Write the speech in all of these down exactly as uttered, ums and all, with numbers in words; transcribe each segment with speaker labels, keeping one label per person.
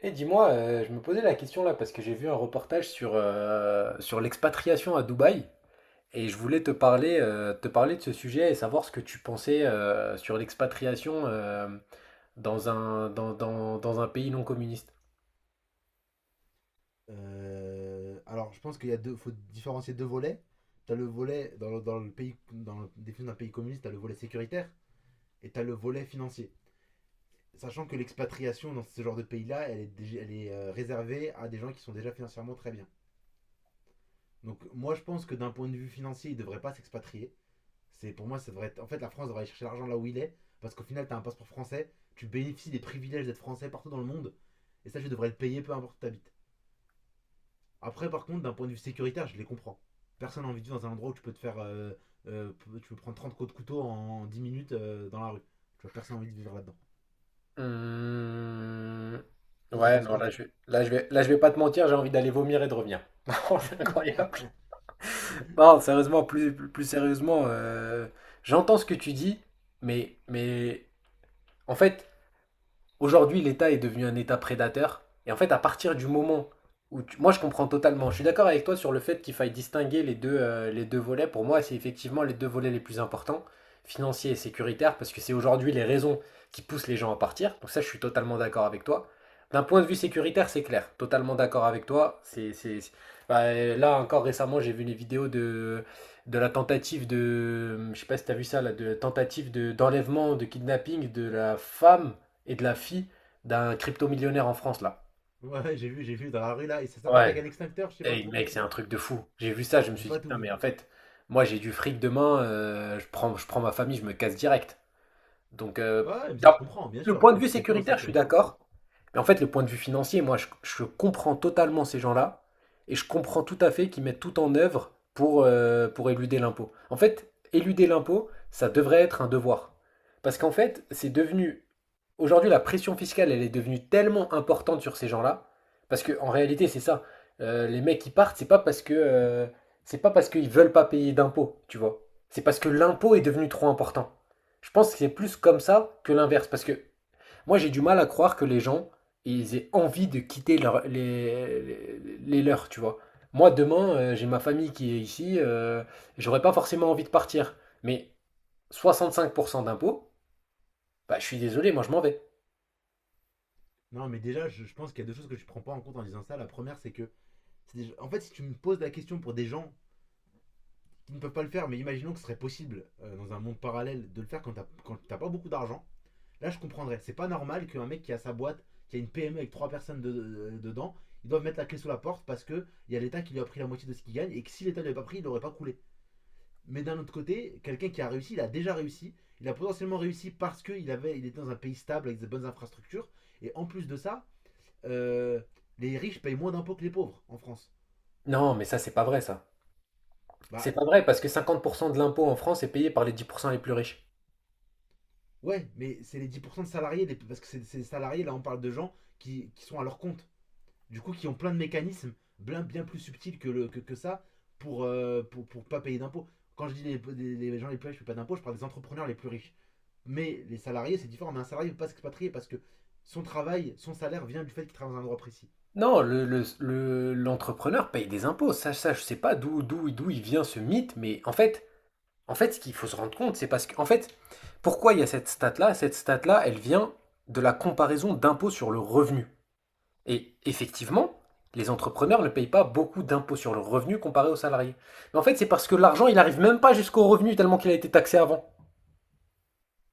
Speaker 1: Et dis-moi, euh, je me posais la question là parce que j'ai vu un reportage sur, euh, sur l'expatriation à Dubaï et je voulais te parler, euh, te parler de ce sujet et savoir ce que tu pensais euh, sur l'expatriation euh, dans un, dans, dans- dans un pays non communiste.
Speaker 2: Euh, alors, je pense qu'il y a deux, faut différencier deux volets. T'as le volet dans le, dans le pays, dans le- des d'un pays communiste, t'as le volet sécuritaire et t'as le volet financier. Sachant que l'expatriation dans ce genre de pays-là, elle est, dég- elle est euh, réservée à des gens qui sont déjà financièrement très bien. Donc, moi, je pense que d'un point de vue financier, ils ne devraient pas s'expatrier. C'est pour moi, ça devrait être. En fait, la France devrait aller chercher l'argent là où il est, parce qu'au final, t'as un passeport français, tu bénéficies des privilèges d'être français partout dans le monde, et ça, tu devrais le payer peu importe où t'habites. Après, par contre, d'un point de vue sécuritaire, je les comprends. Personne n'a envie de vivre dans un endroit où tu peux te faire. euh, euh, Tu peux prendre trente coups de couteau en dix minutes euh, dans la rue. Tu vois, personne n'a envie de vivre là-dedans.
Speaker 1: Hum,
Speaker 2: Toi, t'en
Speaker 1: Ouais,
Speaker 2: penses
Speaker 1: non,
Speaker 2: quoi?
Speaker 1: là je, là, je vais, là je vais pas te mentir, j'ai envie d'aller vomir et de revenir. Non, c'est incroyable. Non, sérieusement, plus, plus sérieusement, euh, j'entends ce que tu dis, mais, mais en fait. Aujourd'hui, l'État est devenu un État prédateur. Et en fait, à partir du moment où tu- moi je comprends totalement, je suis d'accord avec toi sur le fait qu'il faille distinguer les deux, euh, les deux volets. Pour moi, c'est effectivement les deux volets les plus importants, financiers et sécuritaires, parce que c'est aujourd'hui les raisons qui poussent les gens à partir. Donc ça, je suis totalement d'accord avec toi. D'un point de vue sécuritaire, c'est clair, totalement d'accord avec toi. C'est, c'est- c'est- bah, euh, là encore récemment, j'ai vu les vidéos de, de la tentative de, je sais pas si t'as vu ça, là, de tentative de, d'enlèvement, de kidnapping de la femme et de la fille d'un crypto-millionnaire en France, là.
Speaker 2: Ouais, j'ai vu, j'ai vu dans la rue là, et ça s'arrête avec
Speaker 1: Ouais.
Speaker 2: un extincteur, je sais pas
Speaker 1: Hey,
Speaker 2: trop
Speaker 1: mec,
Speaker 2: compris
Speaker 1: c'est un
Speaker 2: pourquoi.
Speaker 1: truc de fou. J'ai vu ça, je me
Speaker 2: J'ai
Speaker 1: suis dit,
Speaker 2: pas tout
Speaker 1: putain, mais
Speaker 2: vu.
Speaker 1: en fait, moi, j'ai du fric demain, euh, je prends, je prends ma famille, je me casse direct. Donc, euh,
Speaker 2: Ouais, mais ça, je
Speaker 1: d'un-
Speaker 2: comprends, bien
Speaker 1: le
Speaker 2: sûr.
Speaker 1: point de
Speaker 2: T'es
Speaker 1: vue
Speaker 2: plus, t'es plus en
Speaker 1: sécuritaire, je suis
Speaker 2: sécurité en France.
Speaker 1: d'accord. Mais en fait, le point de vue financier, moi, je, je comprends totalement ces gens-là. Et je comprends tout à fait qu'ils mettent tout en œuvre pour, euh, pour éluder l'impôt. En fait, éluder l'impôt, ça devrait être un devoir. Parce qu'en fait, c'est devenu. Aujourd'hui, la pression fiscale, elle est devenue tellement importante sur ces gens-là. Parce que en réalité, c'est ça. Euh, les mecs qui partent, c'est pas parce que. euh, c'est pas parce qu'ils veulent pas payer d'impôts, tu vois. C'est parce que l'impôt est devenu trop important. Je pense que c'est plus comme ça que l'inverse. Parce que moi, j'ai du mal à croire que les gens, ils aient envie de quitter leur- les, les- les leurs, tu vois. Moi, demain, euh, j'ai ma famille qui est ici, euh, j'aurais pas forcément envie de partir. Mais soixante-cinq pour cent d'impôts, bah, je suis désolé, moi, je m'en vais.
Speaker 2: Non, mais déjà, je, je pense qu'il y a deux choses que tu prends pas en compte en disant ça. La première, c'est que. c'est déjà- En fait, si tu me poses la question pour des gens qui ne peuvent pas le faire, mais imaginons que ce serait possible euh, dans un monde parallèle de le faire quand t'as quand t'as pas beaucoup d'argent. Là, je comprendrais. C'est pas normal qu'un mec qui a sa boîte, qui a une P M E avec trois personnes de- de- dedans, ils doivent mettre la clé sous la porte parce que il y a l'État qui lui a pris la moitié de ce qu'il gagne et que si l'État ne lui pas pris, il n'aurait pas coulé. Mais d'un autre côté, quelqu'un qui a réussi, il a déjà réussi. Il a potentiellement réussi parce qu'il avait, il était dans un pays stable avec des bonnes infrastructures. Et en plus de ça, euh, les riches payent moins d'impôts que les pauvres en France.
Speaker 1: Non, mais ça, c'est pas vrai, ça.
Speaker 2: Bah
Speaker 1: C'est pas vrai, parce que cinquante pour cent de l'impôt en France est payé par les dix pour cent les plus riches.
Speaker 2: ouais, mais c'est les dix pour cent de salariés, parce que c'est c'est salariés, là on parle de gens qui, qui sont à leur compte, du coup qui ont plein de mécanismes bien, bien plus subtils que, le, que, que ça pour, euh, pour, pour pas payer d'impôts. Quand je dis les, les- les gens les plus riches ne payent pas d'impôts, je parle des entrepreneurs les plus riches. Mais les salariés, c'est différent. Mais un salarié ne peut pas s'expatrier parce que son travail, son salaire vient du fait qu'il travaille dans un endroit précis.
Speaker 1: Non, le, le- le- l'entrepreneur paye des impôts. Ça, ça, je sais pas d'où, d'où, d'où il vient ce mythe, mais en fait, En fait, ce qu'il faut se rendre compte, c'est parce que, en fait, pourquoi il y a cette stat-là. Cette stat-là, elle vient de la comparaison d'impôts sur le revenu. Et effectivement, les entrepreneurs ne payent pas beaucoup d'impôts sur le revenu comparé aux salariés. Mais en fait, c'est parce que l'argent, il n'arrive même pas jusqu'au revenu tellement qu'il a été taxé avant.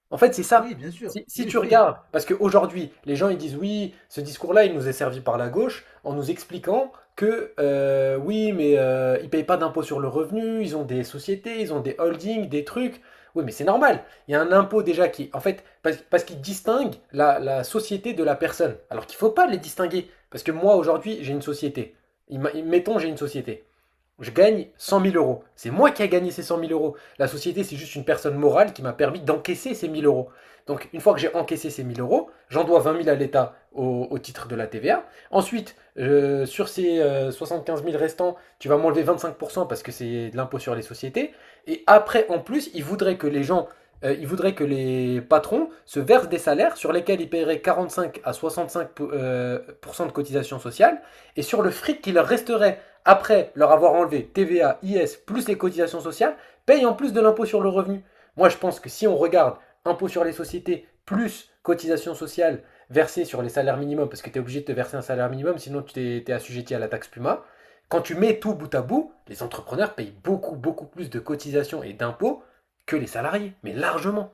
Speaker 1: En fait, c'est ça.
Speaker 2: Oui, bien
Speaker 1: Si,
Speaker 2: sûr.
Speaker 1: si
Speaker 2: Oui,
Speaker 1: tu
Speaker 2: oui.
Speaker 1: regardes, parce qu'aujourd'hui, les gens ils disent oui, ce discours-là, il nous est servi par la gauche en nous expliquant que euh, oui, mais euh, ils ne payent pas d'impôt sur le revenu, ils ont des sociétés, ils ont des holdings, des trucs. Oui, mais c'est normal. Il y a un impôt déjà qui, en fait, parce, parce qu'il distingue la, la société de la personne. Alors qu'il ne faut pas les distinguer. Parce que moi, aujourd'hui, j'ai une société. Ima- Mettons, j'ai une société. Je gagne cent mille euros. C'est moi qui ai gagné ces cent mille euros. La société, c'est juste une personne morale qui m'a permis d'encaisser ces mille euros. Donc, une fois que j'ai encaissé ces mille euros, j'en dois vingt mille à l'État au, au titre de la T V A. Ensuite, euh, sur ces euh, soixante-quinze mille restants, tu vas m'enlever vingt-cinq pour cent parce que c'est de l'impôt sur les sociétés. Et après, en plus, ils voudraient que les gens, euh, ils voudraient que les patrons se versent des salaires sur lesquels ils paieraient quarante-cinq à soixante-cinq pour- euh, pour cent euh, de cotisation sociale. Et sur le fric qui leur resterait après leur avoir enlevé T V A, I S, plus les cotisations sociales, payent en plus de l'impôt sur le revenu. Moi, je pense que si on regarde impôt sur les sociétés, plus cotisations sociales versées sur les salaires minimums, parce que tu es obligé de te verser un salaire minimum, sinon tu t'es- t'es assujetti à la taxe Puma, quand tu mets tout bout à bout, les entrepreneurs payent beaucoup, beaucoup plus de cotisations et d'impôts que les salariés, mais largement.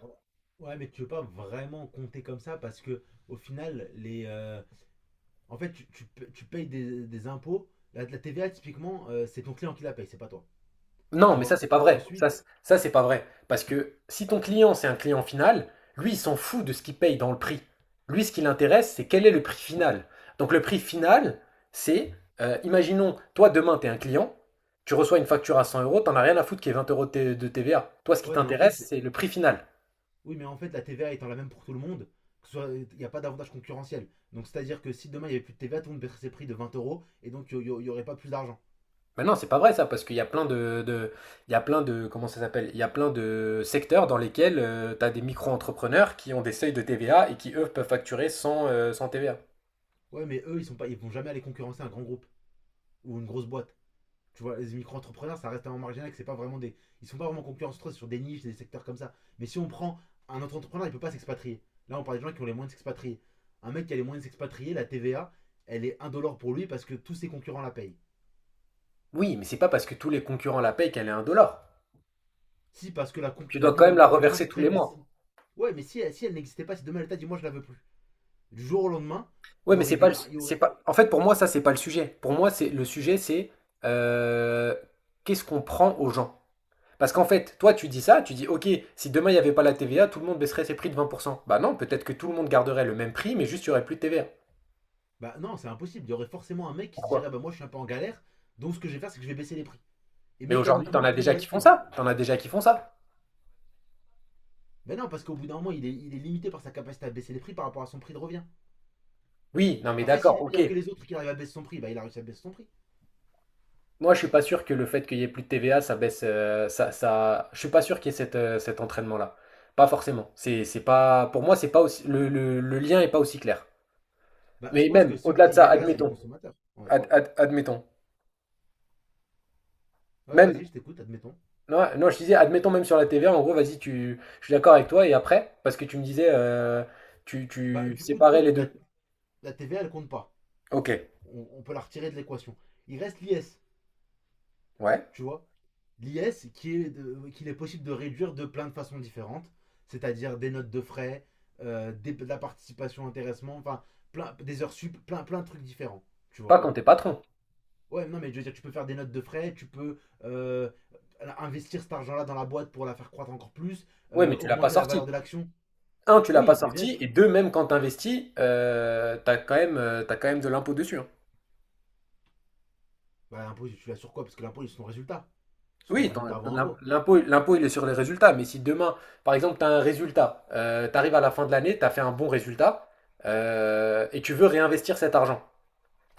Speaker 2: Ouais, mais tu veux pas vraiment compter comme ça parce que au final, les, euh, en fait, tu, tu tu payes des, des impôts. La, la T V A, typiquement, euh, c'est ton client qui la paye, c'est pas toi.
Speaker 1: Non,
Speaker 2: Tu
Speaker 1: mais ça,
Speaker 2: vois.
Speaker 1: c'est pas vrai. Ça,
Speaker 2: Ensuite,
Speaker 1: c- ça c'est pas vrai. Parce que si ton client, c'est un client final, lui, il s'en fout de ce qu'il paye dans le prix. Lui, ce qui l'intéresse, c'est quel est le prix final. Donc, le prix final, c'est, euh, imaginons, toi, demain, tu es un client, tu reçois une facture à cent euros, t'en as rien à foutre qu'il y ait vingt euros de T- de T V A. Toi, ce qui
Speaker 2: ouais, mais en fait,
Speaker 1: t'intéresse, c'est le prix final.
Speaker 2: oui, mais en fait, la T V A étant la même pour tout le monde, que ce soit- il n'y a pas d'avantage concurrentiel. Donc, c'est-à-dire que si demain il n'y avait plus de T V A, tout le monde baisserait ses prix de vingt euros et donc il n'y aurait pas plus d'argent.
Speaker 1: Mais non, c'est pas vrai ça, parce qu'il y a plein de, de- il y a plein de, comment ça s'appelle? Il y a plein de secteurs dans lesquels tu as des micro-entrepreneurs qui ont des seuils de T V A et qui, eux, peuvent facturer sans, euh, sans T V A.
Speaker 2: Ouais, mais eux, ils sont pas, ils vont jamais aller concurrencer un grand groupe ou une grosse boîte. Tu vois, les micro-entrepreneurs, ça reste un marginal, que c'est pas vraiment des. Ils sont pas vraiment concurrentiels sur des niches, des secteurs comme ça. Mais si on prend un autre entrepreneur, il peut pas s'expatrier. Là, on parle des gens qui ont les moyens de s'expatrier. Un mec qui a les moyens de s'expatrier, la T V A, elle est un euro$ pour lui parce que tous ses concurrents la payent.
Speaker 1: Oui, mais c'est pas parce que tous les concurrents la payent qu'elle est un dollar.
Speaker 2: Si, parce que la, concu-
Speaker 1: Tu
Speaker 2: la
Speaker 1: dois quand
Speaker 2: libre
Speaker 1: même la
Speaker 2: concurrence
Speaker 1: reverser tous
Speaker 2: ferait
Speaker 1: les
Speaker 2: que si.
Speaker 1: mois.
Speaker 2: Ouais, mais si, si elle n'existait pas, si demain elle t'a dit moi je la veux plus, du jour au lendemain, il
Speaker 1: Ouais,
Speaker 2: y
Speaker 1: mais
Speaker 2: aurait
Speaker 1: c'est pas
Speaker 2: des.
Speaker 1: le,
Speaker 2: Il y
Speaker 1: c'est
Speaker 2: aurait...
Speaker 1: pas. En fait, pour moi, ça, c'est pas le sujet. Pour moi, c'est le sujet, c'est euh, qu'est-ce qu'on prend aux gens. Parce qu'en fait, toi, tu dis ça, tu dis, ok, si demain il n'y avait pas la T V A, tout le monde baisserait ses prix de vingt pour cent. Bah non, peut-être que tout le monde garderait le même prix, mais juste il n'y aurait plus de T V A.
Speaker 2: Bah non, c'est impossible. Il y aurait forcément un mec qui se
Speaker 1: Pourquoi?
Speaker 2: dirait bah moi je suis un peu en galère, donc ce que je vais faire c'est que je vais baisser les prix. Et
Speaker 1: Mais aujourd'hui, t'en
Speaker 2: mécaniquement
Speaker 1: as
Speaker 2: tout le monde
Speaker 1: déjà
Speaker 2: va
Speaker 1: qui font
Speaker 2: suivre.
Speaker 1: ça. T'en as déjà qui font ça.
Speaker 2: Mais non, parce qu'au bout d'un moment il est, il est limité par sa capacité à baisser les prix par rapport à son prix de revient.
Speaker 1: Oui, non, mais
Speaker 2: Après, s'il
Speaker 1: d'accord,
Speaker 2: est meilleur
Speaker 1: ok.
Speaker 2: que les autres et qu'il arrive à baisser son prix, bah il a réussi à baisser son prix.
Speaker 1: Moi, je suis pas sûr que le fait qu'il y ait plus de T V A, ça baisse, euh, ça, ça, je suis pas sûr qu'il y ait cette, euh, cet entraînement-là. Pas forcément. C'est, c'est pas, pour moi, c'est pas aussi, le, le, le lien est pas aussi clair.
Speaker 2: Bah je
Speaker 1: Mais
Speaker 2: pense que
Speaker 1: même,
Speaker 2: ceux
Speaker 1: au-delà de
Speaker 2: qui
Speaker 1: ça,
Speaker 2: gagneraient c'est les
Speaker 1: admettons,
Speaker 2: consommateurs. Ouais.
Speaker 1: Ad- ad- admettons,
Speaker 2: Ouais, vas-y,
Speaker 1: même,
Speaker 2: je t'écoute, admettons.
Speaker 1: non, non, je disais, admettons même sur la T V A, en gros, vas-y, tu, je suis d'accord avec toi, et après, parce que tu me disais, euh, tu,
Speaker 2: Bah
Speaker 1: tu
Speaker 2: du coup,
Speaker 1: séparais les
Speaker 2: la,
Speaker 1: deux.
Speaker 2: la T V A elle compte pas.
Speaker 1: Ok,
Speaker 2: On- on peut la retirer de l'équation. Il reste l'I S.
Speaker 1: ouais.
Speaker 2: Tu vois, l'I S qui est qu'il est possible de réduire de plein de façons différentes, c'est-à-dire des notes de frais, euh, des- de la participation, intéressement, enfin plein des heures sup, plein plein de trucs différents, tu
Speaker 1: Pas
Speaker 2: vois.
Speaker 1: quand t'es patron.
Speaker 2: Ouais, non mais je veux dire tu peux faire des notes de frais, tu peux euh, investir cet argent-là dans la boîte pour la faire croître encore plus,
Speaker 1: Ouais,
Speaker 2: euh,
Speaker 1: mais tu l'as pas
Speaker 2: augmenter la valeur de
Speaker 1: sorti.
Speaker 2: l'action.
Speaker 1: Un, tu l'as pas
Speaker 2: Oui, mais bien
Speaker 1: sorti,
Speaker 2: sûr.
Speaker 1: et deux, même quand t'investis, euh, t'as quand même, euh, t'as quand même de l'impôt dessus. Hein.
Speaker 2: Bah l'impôt tu l'as sur quoi? Parce que l'impôt c'est ton résultat, c'est ton
Speaker 1: Oui, t'en-
Speaker 2: résultat
Speaker 1: t'en-
Speaker 2: avant
Speaker 1: l'im-
Speaker 2: impôt.
Speaker 1: l'impôt, l'impôt, il est sur les résultats. Mais si demain, par exemple, tu as un résultat, euh, tu arrives à la fin de l'année, tu as fait un bon résultat euh, et tu veux réinvestir cet argent.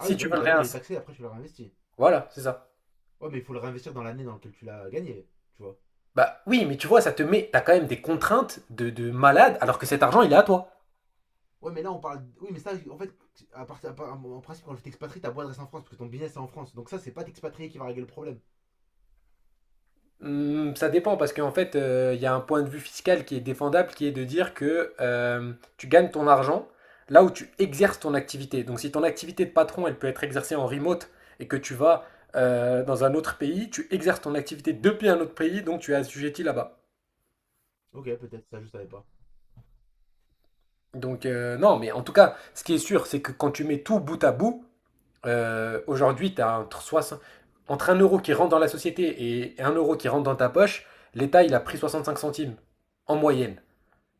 Speaker 2: Ah oui, bah
Speaker 1: tu veux
Speaker 2: oui,
Speaker 1: le
Speaker 2: d'abord il est
Speaker 1: réinvestir.
Speaker 2: taxé, après tu le réinvestis.
Speaker 1: Voilà, c'est ça.
Speaker 2: Ouais, mais il faut le réinvestir dans l'année dans laquelle tu l'as gagné, tu vois.
Speaker 1: Bah oui, mais tu vois, ça te met, t'as quand même des contraintes de, de malade alors que cet argent, il est à toi.
Speaker 2: Ouais, mais là, on parle. Oui, mais ça, en fait, à part, à part- en principe, quand je t'expatrie, ta boîte reste en France parce que ton business est en France. Donc, ça, c'est pas t'expatrier qui va régler le problème.
Speaker 1: Hmm, ça dépend parce qu'en fait, euh, il y a un point de vue fiscal qui est défendable, qui est de dire que euh, tu gagnes ton argent là où tu exerces ton activité. Donc si ton activité de patron, elle peut être exercée en remote et que tu vas euh, dans un autre pays, tu exerces ton activité depuis un autre pays, donc tu es assujetti là-bas.
Speaker 2: Ok, peut-être, ça, je savais pas.
Speaker 1: Donc euh, non, mais en tout cas, ce qui est sûr, c'est que quand tu mets tout bout à bout, euh, aujourd'hui, tu as entre, soixante entre un euro qui rentre dans la société et un euro qui rentre dans ta poche, l'État, il a pris soixante-cinq centimes en moyenne.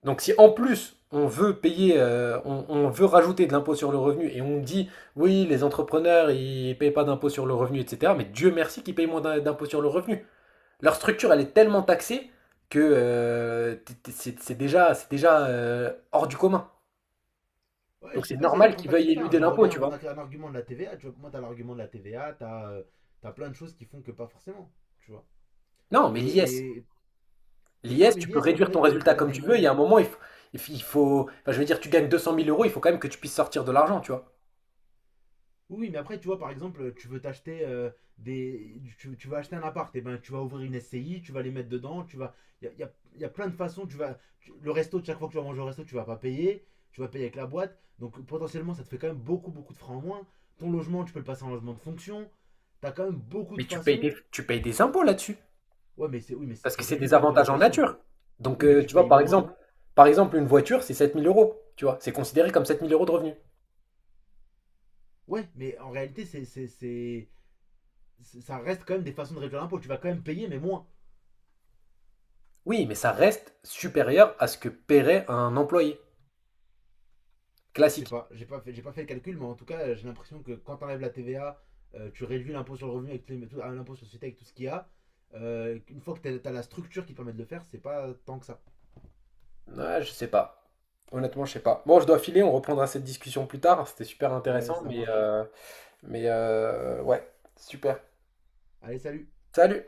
Speaker 1: Donc si en plus on veut payer, euh, on, on veut rajouter de l'impôt sur le revenu et on dit oui les entrepreneurs ils payent pas d'impôt sur le revenu et cetera. Mais Dieu merci qu'ils payent moins d'impôt sur le revenu. Leur structure elle est tellement taxée que euh, c'est déjà, c'est déjà euh, hors du commun.
Speaker 2: Ouais, je
Speaker 1: Donc c'est
Speaker 2: sais pas si c'est
Speaker 1: normal
Speaker 2: tant
Speaker 1: qu'ils
Speaker 2: taxé
Speaker 1: veuillent
Speaker 2: que ça, hein.
Speaker 1: éluder
Speaker 2: J'en
Speaker 1: l'impôt
Speaker 2: reviens à
Speaker 1: tu
Speaker 2: mon
Speaker 1: vois.
Speaker 2: ar- un argument de la T V A. Tu vois, pour moi, t'as l'argument de la T V A, t'as euh, t'as plein de choses qui font que pas forcément. Tu vois.
Speaker 1: Non mais
Speaker 2: Que,
Speaker 1: l'I S,
Speaker 2: et... Mais ouais,
Speaker 1: l'I S
Speaker 2: mais
Speaker 1: tu peux
Speaker 2: l'I S, comme on
Speaker 1: réduire
Speaker 2: l'a
Speaker 1: ton
Speaker 2: dit, t'as
Speaker 1: résultat
Speaker 2: t'as
Speaker 1: comme
Speaker 2: des
Speaker 1: tu veux. Il y
Speaker 2: moyens.
Speaker 1: a un moment il faut, il faut, enfin, je veux dire tu gagnes deux cent mille euros il faut quand même que tu puisses sortir de l'argent tu vois.
Speaker 2: Oui, mais après, tu vois, par exemple, tu veux t'acheter euh, des. Tu, tu vas acheter un appart, et ben tu vas ouvrir une S C I, tu vas les mettre dedans, tu vas. Il y a, y a- y a plein de façons, tu vas. tu- le resto, chaque fois que tu vas manger au resto, tu vas pas payer, tu vas payer avec la boîte. Donc potentiellement, ça te fait quand même beaucoup, beaucoup de francs en moins. Ton logement, tu peux le passer en logement de fonction. T'as quand même beaucoup de
Speaker 1: Mais tu payes
Speaker 2: façons.
Speaker 1: des, tu payes des impôts là-dessus.
Speaker 2: Ouais, mais c'est. Oui, mais c'est-
Speaker 1: Parce
Speaker 2: tu
Speaker 1: que c'est
Speaker 2: réduis
Speaker 1: des
Speaker 2: quand même ton
Speaker 1: avantages en
Speaker 2: imposition.
Speaker 1: nature. Donc,
Speaker 2: Oui, mais
Speaker 1: euh,
Speaker 2: tu
Speaker 1: tu vois,
Speaker 2: payes
Speaker 1: par
Speaker 2: moins.
Speaker 1: exemple, par exemple, une voiture, c'est sept mille euros. Tu vois, c'est considéré comme sept mille euros de revenus.
Speaker 2: Ouais, mais en réalité, c'est. c'est- c'est- c'est- ça reste quand même des façons de réduire l'impôt. Tu vas quand même payer, mais moins.
Speaker 1: Oui, mais ça reste supérieur à ce que paierait un employé
Speaker 2: Je sais
Speaker 1: classique.
Speaker 2: pas, j'ai pas fait, j'ai pas fait le calcul, mais en tout cas, j'ai l'impression que quand t'enlèves la T V A, euh, tu réduis l'impôt sur le revenu avec tout- ah, l'impôt sur la société avec tout ce qu'il y a. Euh, une fois que t'as as la structure qui permet de le faire, c'est pas tant que ça.
Speaker 1: Ouais, je sais pas. Honnêtement, je sais pas. Bon, je dois filer, on reprendra cette discussion plus tard. C'était super
Speaker 2: Ouais,
Speaker 1: intéressant,
Speaker 2: ça
Speaker 1: mais,
Speaker 2: marche.
Speaker 1: euh, mais euh, ouais, super.
Speaker 2: Allez, salut.
Speaker 1: Salut!